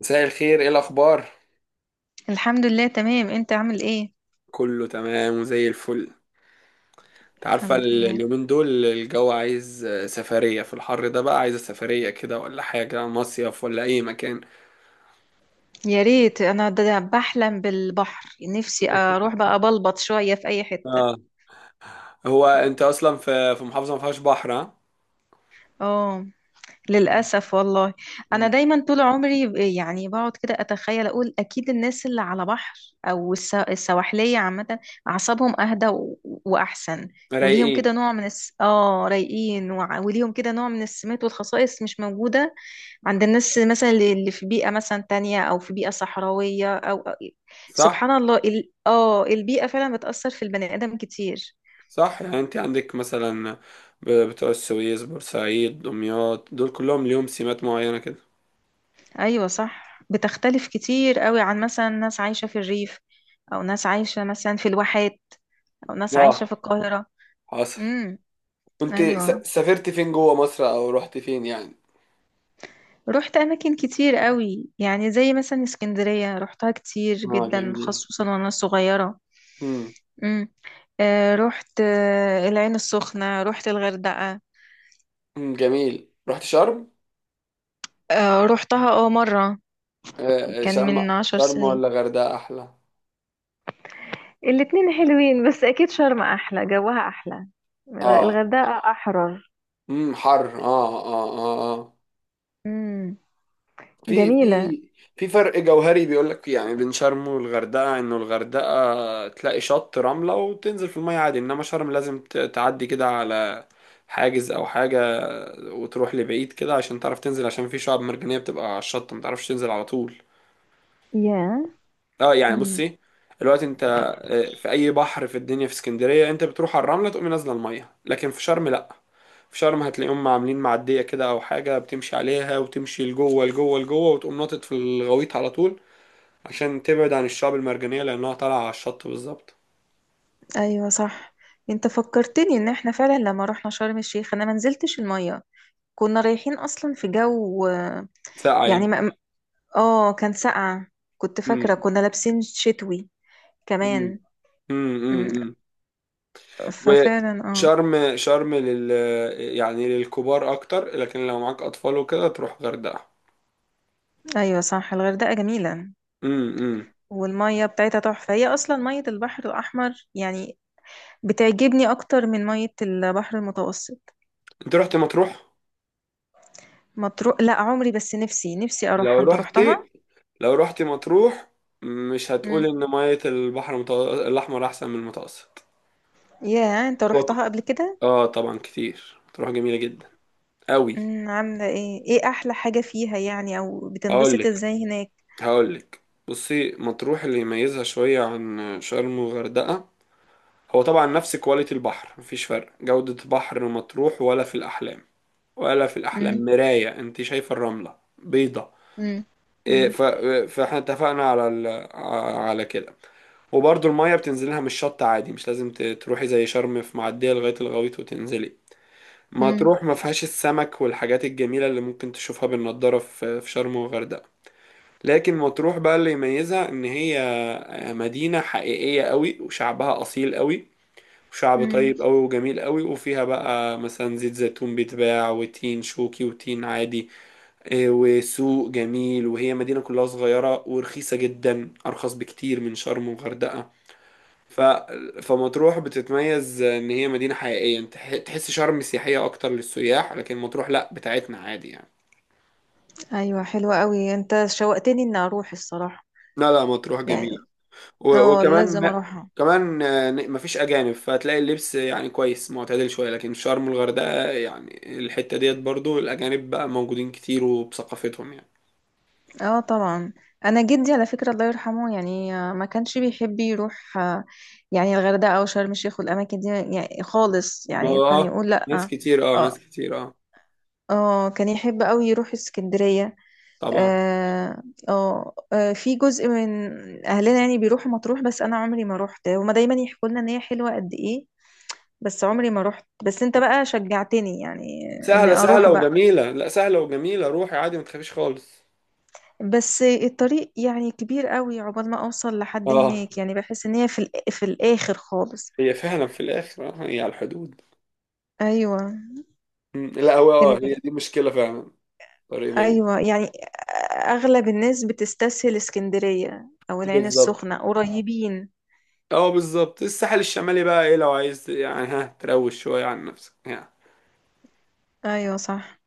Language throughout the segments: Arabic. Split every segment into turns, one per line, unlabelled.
مساء الخير، ايه الاخبار؟
الحمد لله تمام، انت عامل ايه؟
كله تمام وزي الفل. انت عارفه،
الحمد لله.
اليومين دول الجو عايز سفريه، في الحر ده بقى، عايز سفريه كده ولا حاجه، مصيف ولا اي مكان؟
يا ريت. انا ده بحلم بالبحر، نفسي اروح بقى أبلبط شوية في اي حتة.
اه. هو انت اصلا في محافظه ما فيهاش بحر، ها؟
اه، للاسف والله. انا
مم.
دايما طول عمري يعني بقعد كده اتخيل، اقول اكيد الناس اللي على بحر، او السواحلية عامة، اعصابهم اهدى واحسن. وليهم كده
رايقين.
نوع من الس... اه رايقين، وليهم كده نوع من السمات والخصائص مش موجودة عند الناس مثلا، اللي في بيئة مثلا تانية، أو في بيئة صحراوية، سبحان
صح
الله، ال... آه البيئة فعلا بتأثر في البني آدم كتير.
صح، يعني انت عندك مثلا بتوع السويس، بورسعيد، دمياط، دول كلهم ليهم سمات معينه كده.
أيوة صح، بتختلف كتير قوي عن مثلا ناس عايشة في الريف، أو ناس عايشة مثلا في الواحات، أو ناس عايشة
اه،
في القاهرة.
حصل.
امم
كنت
أيوة.
سافرت فين جوه مصر او رحت فين يعني؟
رحت أماكن كتير قوي يعني، زي مثلا اسكندرية رحتها كتير
اه،
جدا
جميل.
خصوصا وأنا صغيرة. امم رحت العين السخنة، رحت الغردقة.
مم، جميل. رحت شرم؟
روحتها اه مرة، كان
شرم.
من عشر
شرم
سنين
ولا غردقة أحلى؟
الاتنين حلوين، بس اكيد شرم احلى، جوها احلى.
اه.
الغردقة احرر.
حر، اه اه اه. اه،
امم
في
جميلة.
في في فرق جوهري بيقول لك يعني بين شرم والغردقة، انه الغردقة تلاقي شط رملة وتنزل في المية عادي، انما شرم لازم تعدي كده على حاجز او حاجة، وتروح لبعيد كده عشان تعرف تنزل، عشان في شعاب مرجانية بتبقى على الشط ما تعرفش تنزل على طول.
يا.
اه يعني،
مم.
بصي. دلوقتي انت في اي بحر في الدنيا، في اسكندريه انت بتروح على الرمله تقوم نازله الميه، لكن في شرم لا. في شرم هتلاقيهم عاملين معديه كده او حاجه بتمشي عليها، وتمشي لجوه لجوه لجوه، وتقوم ناطط في الغويط على طول عشان تبعد عن الشعب المرجانيه، لانها طالعه على الشط بالظبط.
ايوه صح، انت فكرتني ان احنا فعلا لما رحنا شرم الشيخ انا ما نزلتش الميه. كنا رايحين اصلا في جو
ساقعه
يعني
يمكن.
ما... اه كان ساقعه، كنت فاكره
مم.
كنا لابسين شتوي
مم.
كمان.
مم. مم.
مم.
مم.
ففعلا اه.
وشرم، شرم لل يعني للكبار اكتر، لكن لو معاك اطفال وكده تروح غردقه.
ايوه صح، الغردقه جميله،
امم.
والمية بتاعتها تحفة. هي أصلا مية البحر الأحمر يعني، بتعجبني أكتر من مية البحر المتوسط.
انت رحت مطروح؟
مطروح لا، عمري، بس نفسي نفسي
لو
أروحها. أنت
رحت
روحتها؟
لو رحت مطروح مش هتقول
مم.
ان مية البحر الاحمر احسن من المتوسط.
ياه، أنت روحتها
وك-
قبل كده؟
اه، طبعا كتير، مطروح جميلة جدا قوي.
مم. عاملة إيه؟ إيه أحلى حاجة فيها يعني، أو بتنبسط
هقولك
إزاي هناك؟
هقولك، بصي. مطروح اللي يميزها شوية عن شرم وغردقة هو طبعا نفس كواليتي البحر، مفيش فرق. جودة بحر مطروح ولا في الأحلام، ولا في
مم.
الأحلام. مراية، انت شايفة الرملة بيضة.
مم.
إيه،
مم.
فاحنا اتفقنا على كده. وبرضو المية بتنزلها من الشط عادي، مش لازم تروحي زي شرم في معدية لغاية الغويط وتنزلي.
مم.
مطروح ما فيهاش السمك والحاجات الجميلة اللي ممكن تشوفها بالنضارة في شرم وغردقة. لكن مطروح بقى اللي يميزها ان هي مدينة حقيقية قوي، وشعبها اصيل قوي، وشعب
مم.
طيب قوي وجميل قوي، وفيها بقى مثلا زيت زيتون بيتباع، وتين شوكي، وتين عادي، وسوق جميل. وهي مدينة كلها صغيرة ورخيصة جدا، أرخص بكتير من شرم وغردقة. ف... فمطروح بتتميز إن هي مدينة حقيقية. أنت تحس شرم سياحية أكتر للسياح، لكن مطروح لأ، بتاعتنا عادي يعني.
أيوة حلوة قوي، أنت شوقتني إني أروح الصراحة
لا لا، مطروح جميلة.
يعني. اه لازم
وكمان،
أروحها.
كمان مفيش أجانب، فتلاقي اللبس يعني كويس معتدل شوية، لكن شرم والغردقة يعني الحتة ديت برضو الأجانب بقى موجودين كتير وبثقافتهم يعني.
اه طبعا. انا جدي، على فكره الله يرحمه، يعني ما كانش بيحب يروح يعني الغردقه او شرم الشيخ والاماكن دي يعني خالص،
ما
يعني
هو
كان
اه،
يقول لا.
ناس
اه
كتير اه، ناس
اه.
كتير اه،
كان يحب قوي يروح اسكندريه.
طبعا.
اه اه. في جزء من اهلنا يعني بيروحوا مطروح، بس انا عمري ما روحت، هما دايما يحكوا لنا ان هي حلوه قد ايه، بس عمري ما روحت. بس انت بقى شجعتني يعني ان
سهلة
اروح
سهلة
بقى.
وجميلة، لا سهلة وجميلة، روحي عادي ما تخافيش خالص.
بس الطريق يعني كبير قوي، عقبال ما اوصل لحد
اه،
هناك، يعني بحس ان هي في في الاخر خالص.
هي فعلا في الآخر، هي على الحدود.
ايوه.
مم، لا هو اه، هي
إن-
دي مشكلة فعلا، طريق بعيد.
ايوه يعني، اغلب الناس بتستسهل اسكندرية او العين
بالظبط.
السخنة، قريبين.
اه بالظبط. الساحل الشمالي بقى ايه، لو عايز يعني ها تروش شوية عن نفسك يعني.
ايوه صح.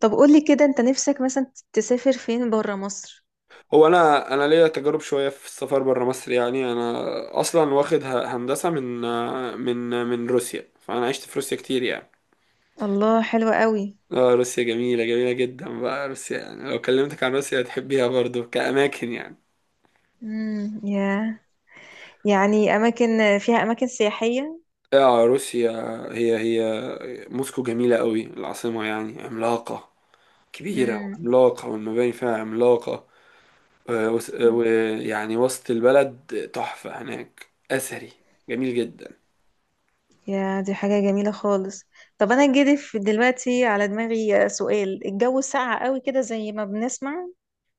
طب قولي كده، انت نفسك مثلا تسافر فين برا مصر؟
هو انا ليا تجارب شوية في السفر بره مصر يعني. انا اصلا واخد هندسة من روسيا، فانا عشت في روسيا كتير يعني.
الله، حلوة قوي.
اه، روسيا جميلة، جميلة جدا بقى روسيا يعني. لو كلمتك عن روسيا هتحبيها برضو كأماكن يعني.
يا، يعني اماكن، فيها اماكن سياحية.
اه روسيا، هي موسكو جميلة قوي، العاصمة يعني عملاقة، كبيرة
امم
وعملاقة، والمباني فيها عملاقة، ويعني وسط البلد تحفة هناك، أثري، جميل جدا.
يا دي حاجة جميلة خالص. طب أنا جدي في دلوقتي على دماغي سؤال، الجو ساقع قوي كده زي ما بنسمع؟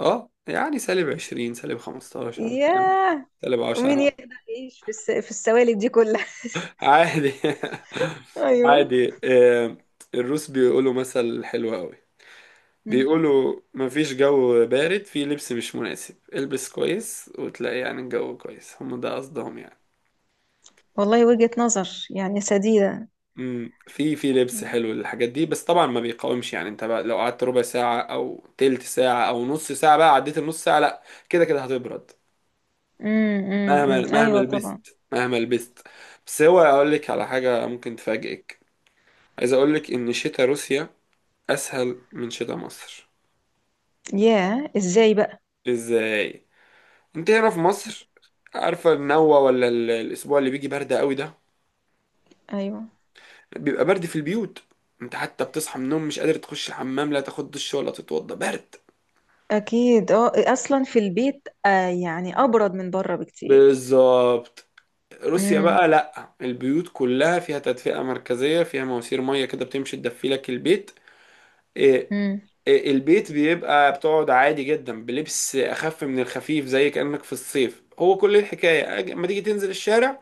اه يعني، سالب 20، سالب 15،
ياه،
سالب
ومين
10.
يقدر يعيش في في السوالب دي كلها؟
عادي.
أيوه.
عادي. الروس بيقولوا مثل حلو قوي،
مم.
بيقولوا مفيش جو بارد، في لبس مش مناسب، البس كويس وتلاقي يعني الجو كويس. هم ده قصدهم يعني.
والله وجهة نظر يعني سديدة.
في لبس
مم.
حلو للحاجات دي، بس طبعا ما بيقاومش. يعني انت بقى لو قعدت ربع ساعة او تلت ساعة او نص ساعة، بقى عديت النص ساعة لا، كده كده هتبرد،
مم. مم.
مهما
مم.
مهما
أيوه طبعا.
لبست، مهما لبست. بس هو، اقول لك على حاجة ممكن تفاجئك. عايز اقول لك ان شتاء روسيا اسهل من شتاء مصر.
ياه، إزاي بقى؟
ازاي؟ انت هنا في مصر، عارفة النوة ولا الأسبوع اللي بيجي برد قوي ده،
أيوه.
بيبقى برد في البيوت، انت حتى بتصحى من النوم مش قادر تخش الحمام، لا تاخد دش ولا تتوضى، برد.
أكيد، أه أصلا في البيت آه يعني أبرد من بره بكتير.
بالظبط. روسيا
مم.
بقى لأ، البيوت كلها فيها تدفئة مركزية، فيها مواسير مية كده بتمشي تدفي لك البيت. إيه
مم.
إيه البيت بيبقى بتقعد عادي جدا بلبس أخف من الخفيف، زي كأنك في الصيف. هو كل الحكاية اما تيجي تنزل الشارع،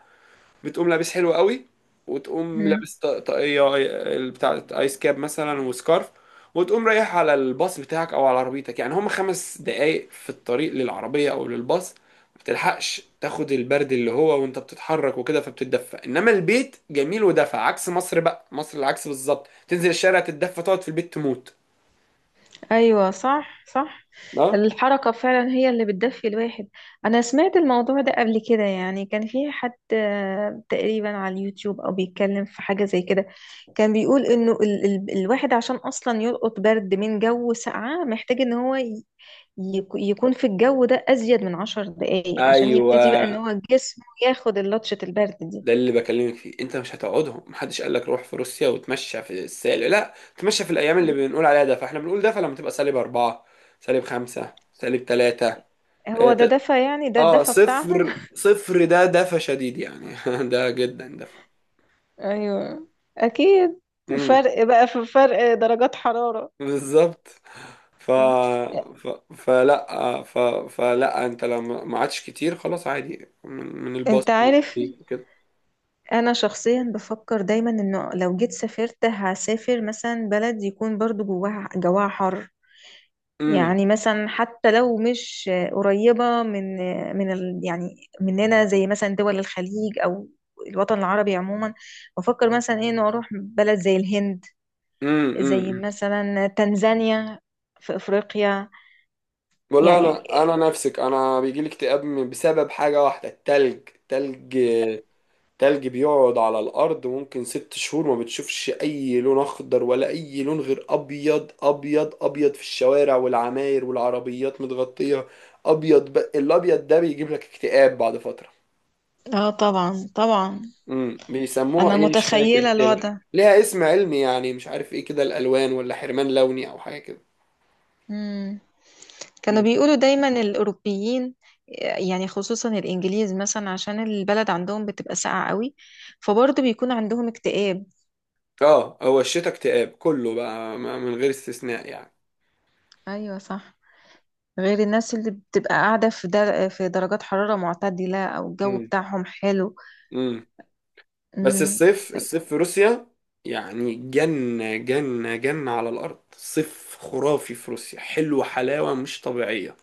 بتقوم لابس حلو قوي، وتقوم
مم.
لابس طاقية، بتاع ايس كاب مثلا، وسكارف، وتقوم رايح على الباص بتاعك او على عربيتك، يعني هم 5 دقايق في الطريق للعربية او للباص. ما بتلحقش تاخد البرد، اللي هو وانت بتتحرك وكده فبتتدفى. انما البيت جميل ودفى، عكس مصر بقى. مصر العكس بالظبط، تنزل الشارع تتدفى، تقعد في البيت تموت.
ايوه صح صح.
اه
الحركه فعلا هي اللي بتدفي الواحد. انا سمعت الموضوع ده قبل كده يعني، كان في حد تقريبا على اليوتيوب او بيتكلم في حاجه زي كده. كان بيقول انه ال الواحد عشان اصلا يلقط برد من جو ساقعه، محتاج ان هو يكون في الجو ده ازيد من 10 دقايق، عشان
ايوه،
يبتدي بقى ان هو جسمه ياخد اللطشه البرد دي.
ده اللي بكلمك فيه. انت مش هتقعدهم، محدش قال لك روح في روسيا وتمشى في السالب، لا تمشى في الايام اللي
مم.
بنقول عليها ده. فاحنا بنقول ده فلما تبقى سالب 4، سالب 5، سالب 3. اه،
هو ده دفى يعني، ده الدفى بتاعهم.
صفر صفر ده دفى شديد يعني. ده جدا دفى.
ايوه اكيد.
امم.
فرق بقى، في فرق درجات حرارة.
بالظبط. ف...
مم.
ف... فلا آه، ف... فلا انت لما ما عادش كتير خلاص عادي من
انت
الباص اللي
عارف،
بيك وكده.
انا شخصيا بفكر دايما انه لو جيت سافرت، هسافر مثلا بلد يكون برضو جواها حر.
امم،
يعني مثلا حتى لو مش قريبة من من ال، يعني مننا، زي مثلا دول الخليج او الوطن العربي عموما. بفكر مثلا ايه، انه اروح بلد زي الهند،
امم،
زي
امم.
مثلا تنزانيا، في افريقيا
والله
يعني.
انا، نفسك. انا بيجي لي اكتئاب بسبب حاجه واحده، التلج. تلج تلج بيقعد على الارض ممكن 6 شهور، ما بتشوفش اي لون اخضر ولا اي لون غير ابيض ابيض ابيض، في الشوارع والعماير والعربيات متغطيه ابيض. الابيض ده بيجيب لك اكتئاب بعد فتره.
اه طبعا طبعا.
امم، بيسموها
انا
ايه، مش فاكر
متخيله
كده،
الوضع.
ليها اسم علمي يعني، مش عارف ايه كده، الالوان ولا حرمان لوني او حاجه كده.
امم كانوا
مم.
بيقولوا دايما الاوروبيين، يعني خصوصا الانجليز مثلا، عشان البلد عندهم بتبقى ساقعه قوي، فبرضه بيكون عندهم اكتئاب.
اه، هو الشتاء اكتئاب كله بقى، من غير استثناء يعني.
ايوه صح، غير الناس اللي بتبقى قاعده في في درجات حراره معتدله، او الجو بتاعهم حلو.
امم. بس
امم
الصيف، في روسيا يعني جنة جنة جنة على الأرض، صيف خرافي في روسيا، حلو حلاوة مش طبيعية.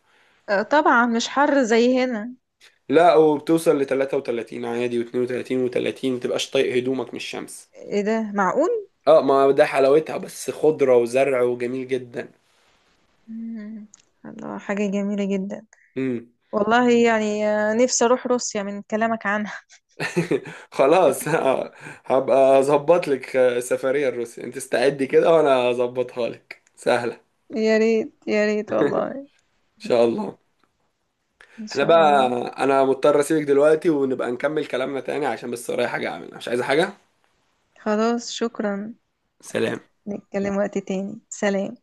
طبعا مش حر زي هنا.
لا، وبتوصل ل 33 عادي، و32 و30، متبقاش طايق هدومك من الشمس.
ايه ده، معقول؟
اه، ما ده حلاوتها، بس خضرة وزرع وجميل جدا.
مم. الله، حاجه جميله جدا.
امم.
والله يعني نفسي اروح روسيا من كلامك عنها.
خلاص. هبقى اظبط لك سفرية لروسيا، انت استعدي كده وانا اظبطها لك، سهلة ان
يا ريت يا ريت والله.
شاء الله.
إن
احنا
شاء
بقى،
الله.
انا مضطر اسيبك دلوقتي ونبقى نكمل كلامنا تاني، عشان بس ورايا حاجة اعملها، مش عايزة حاجة.
خلاص شكرا.
سلام.
نتكلم وقت تاني، سلام.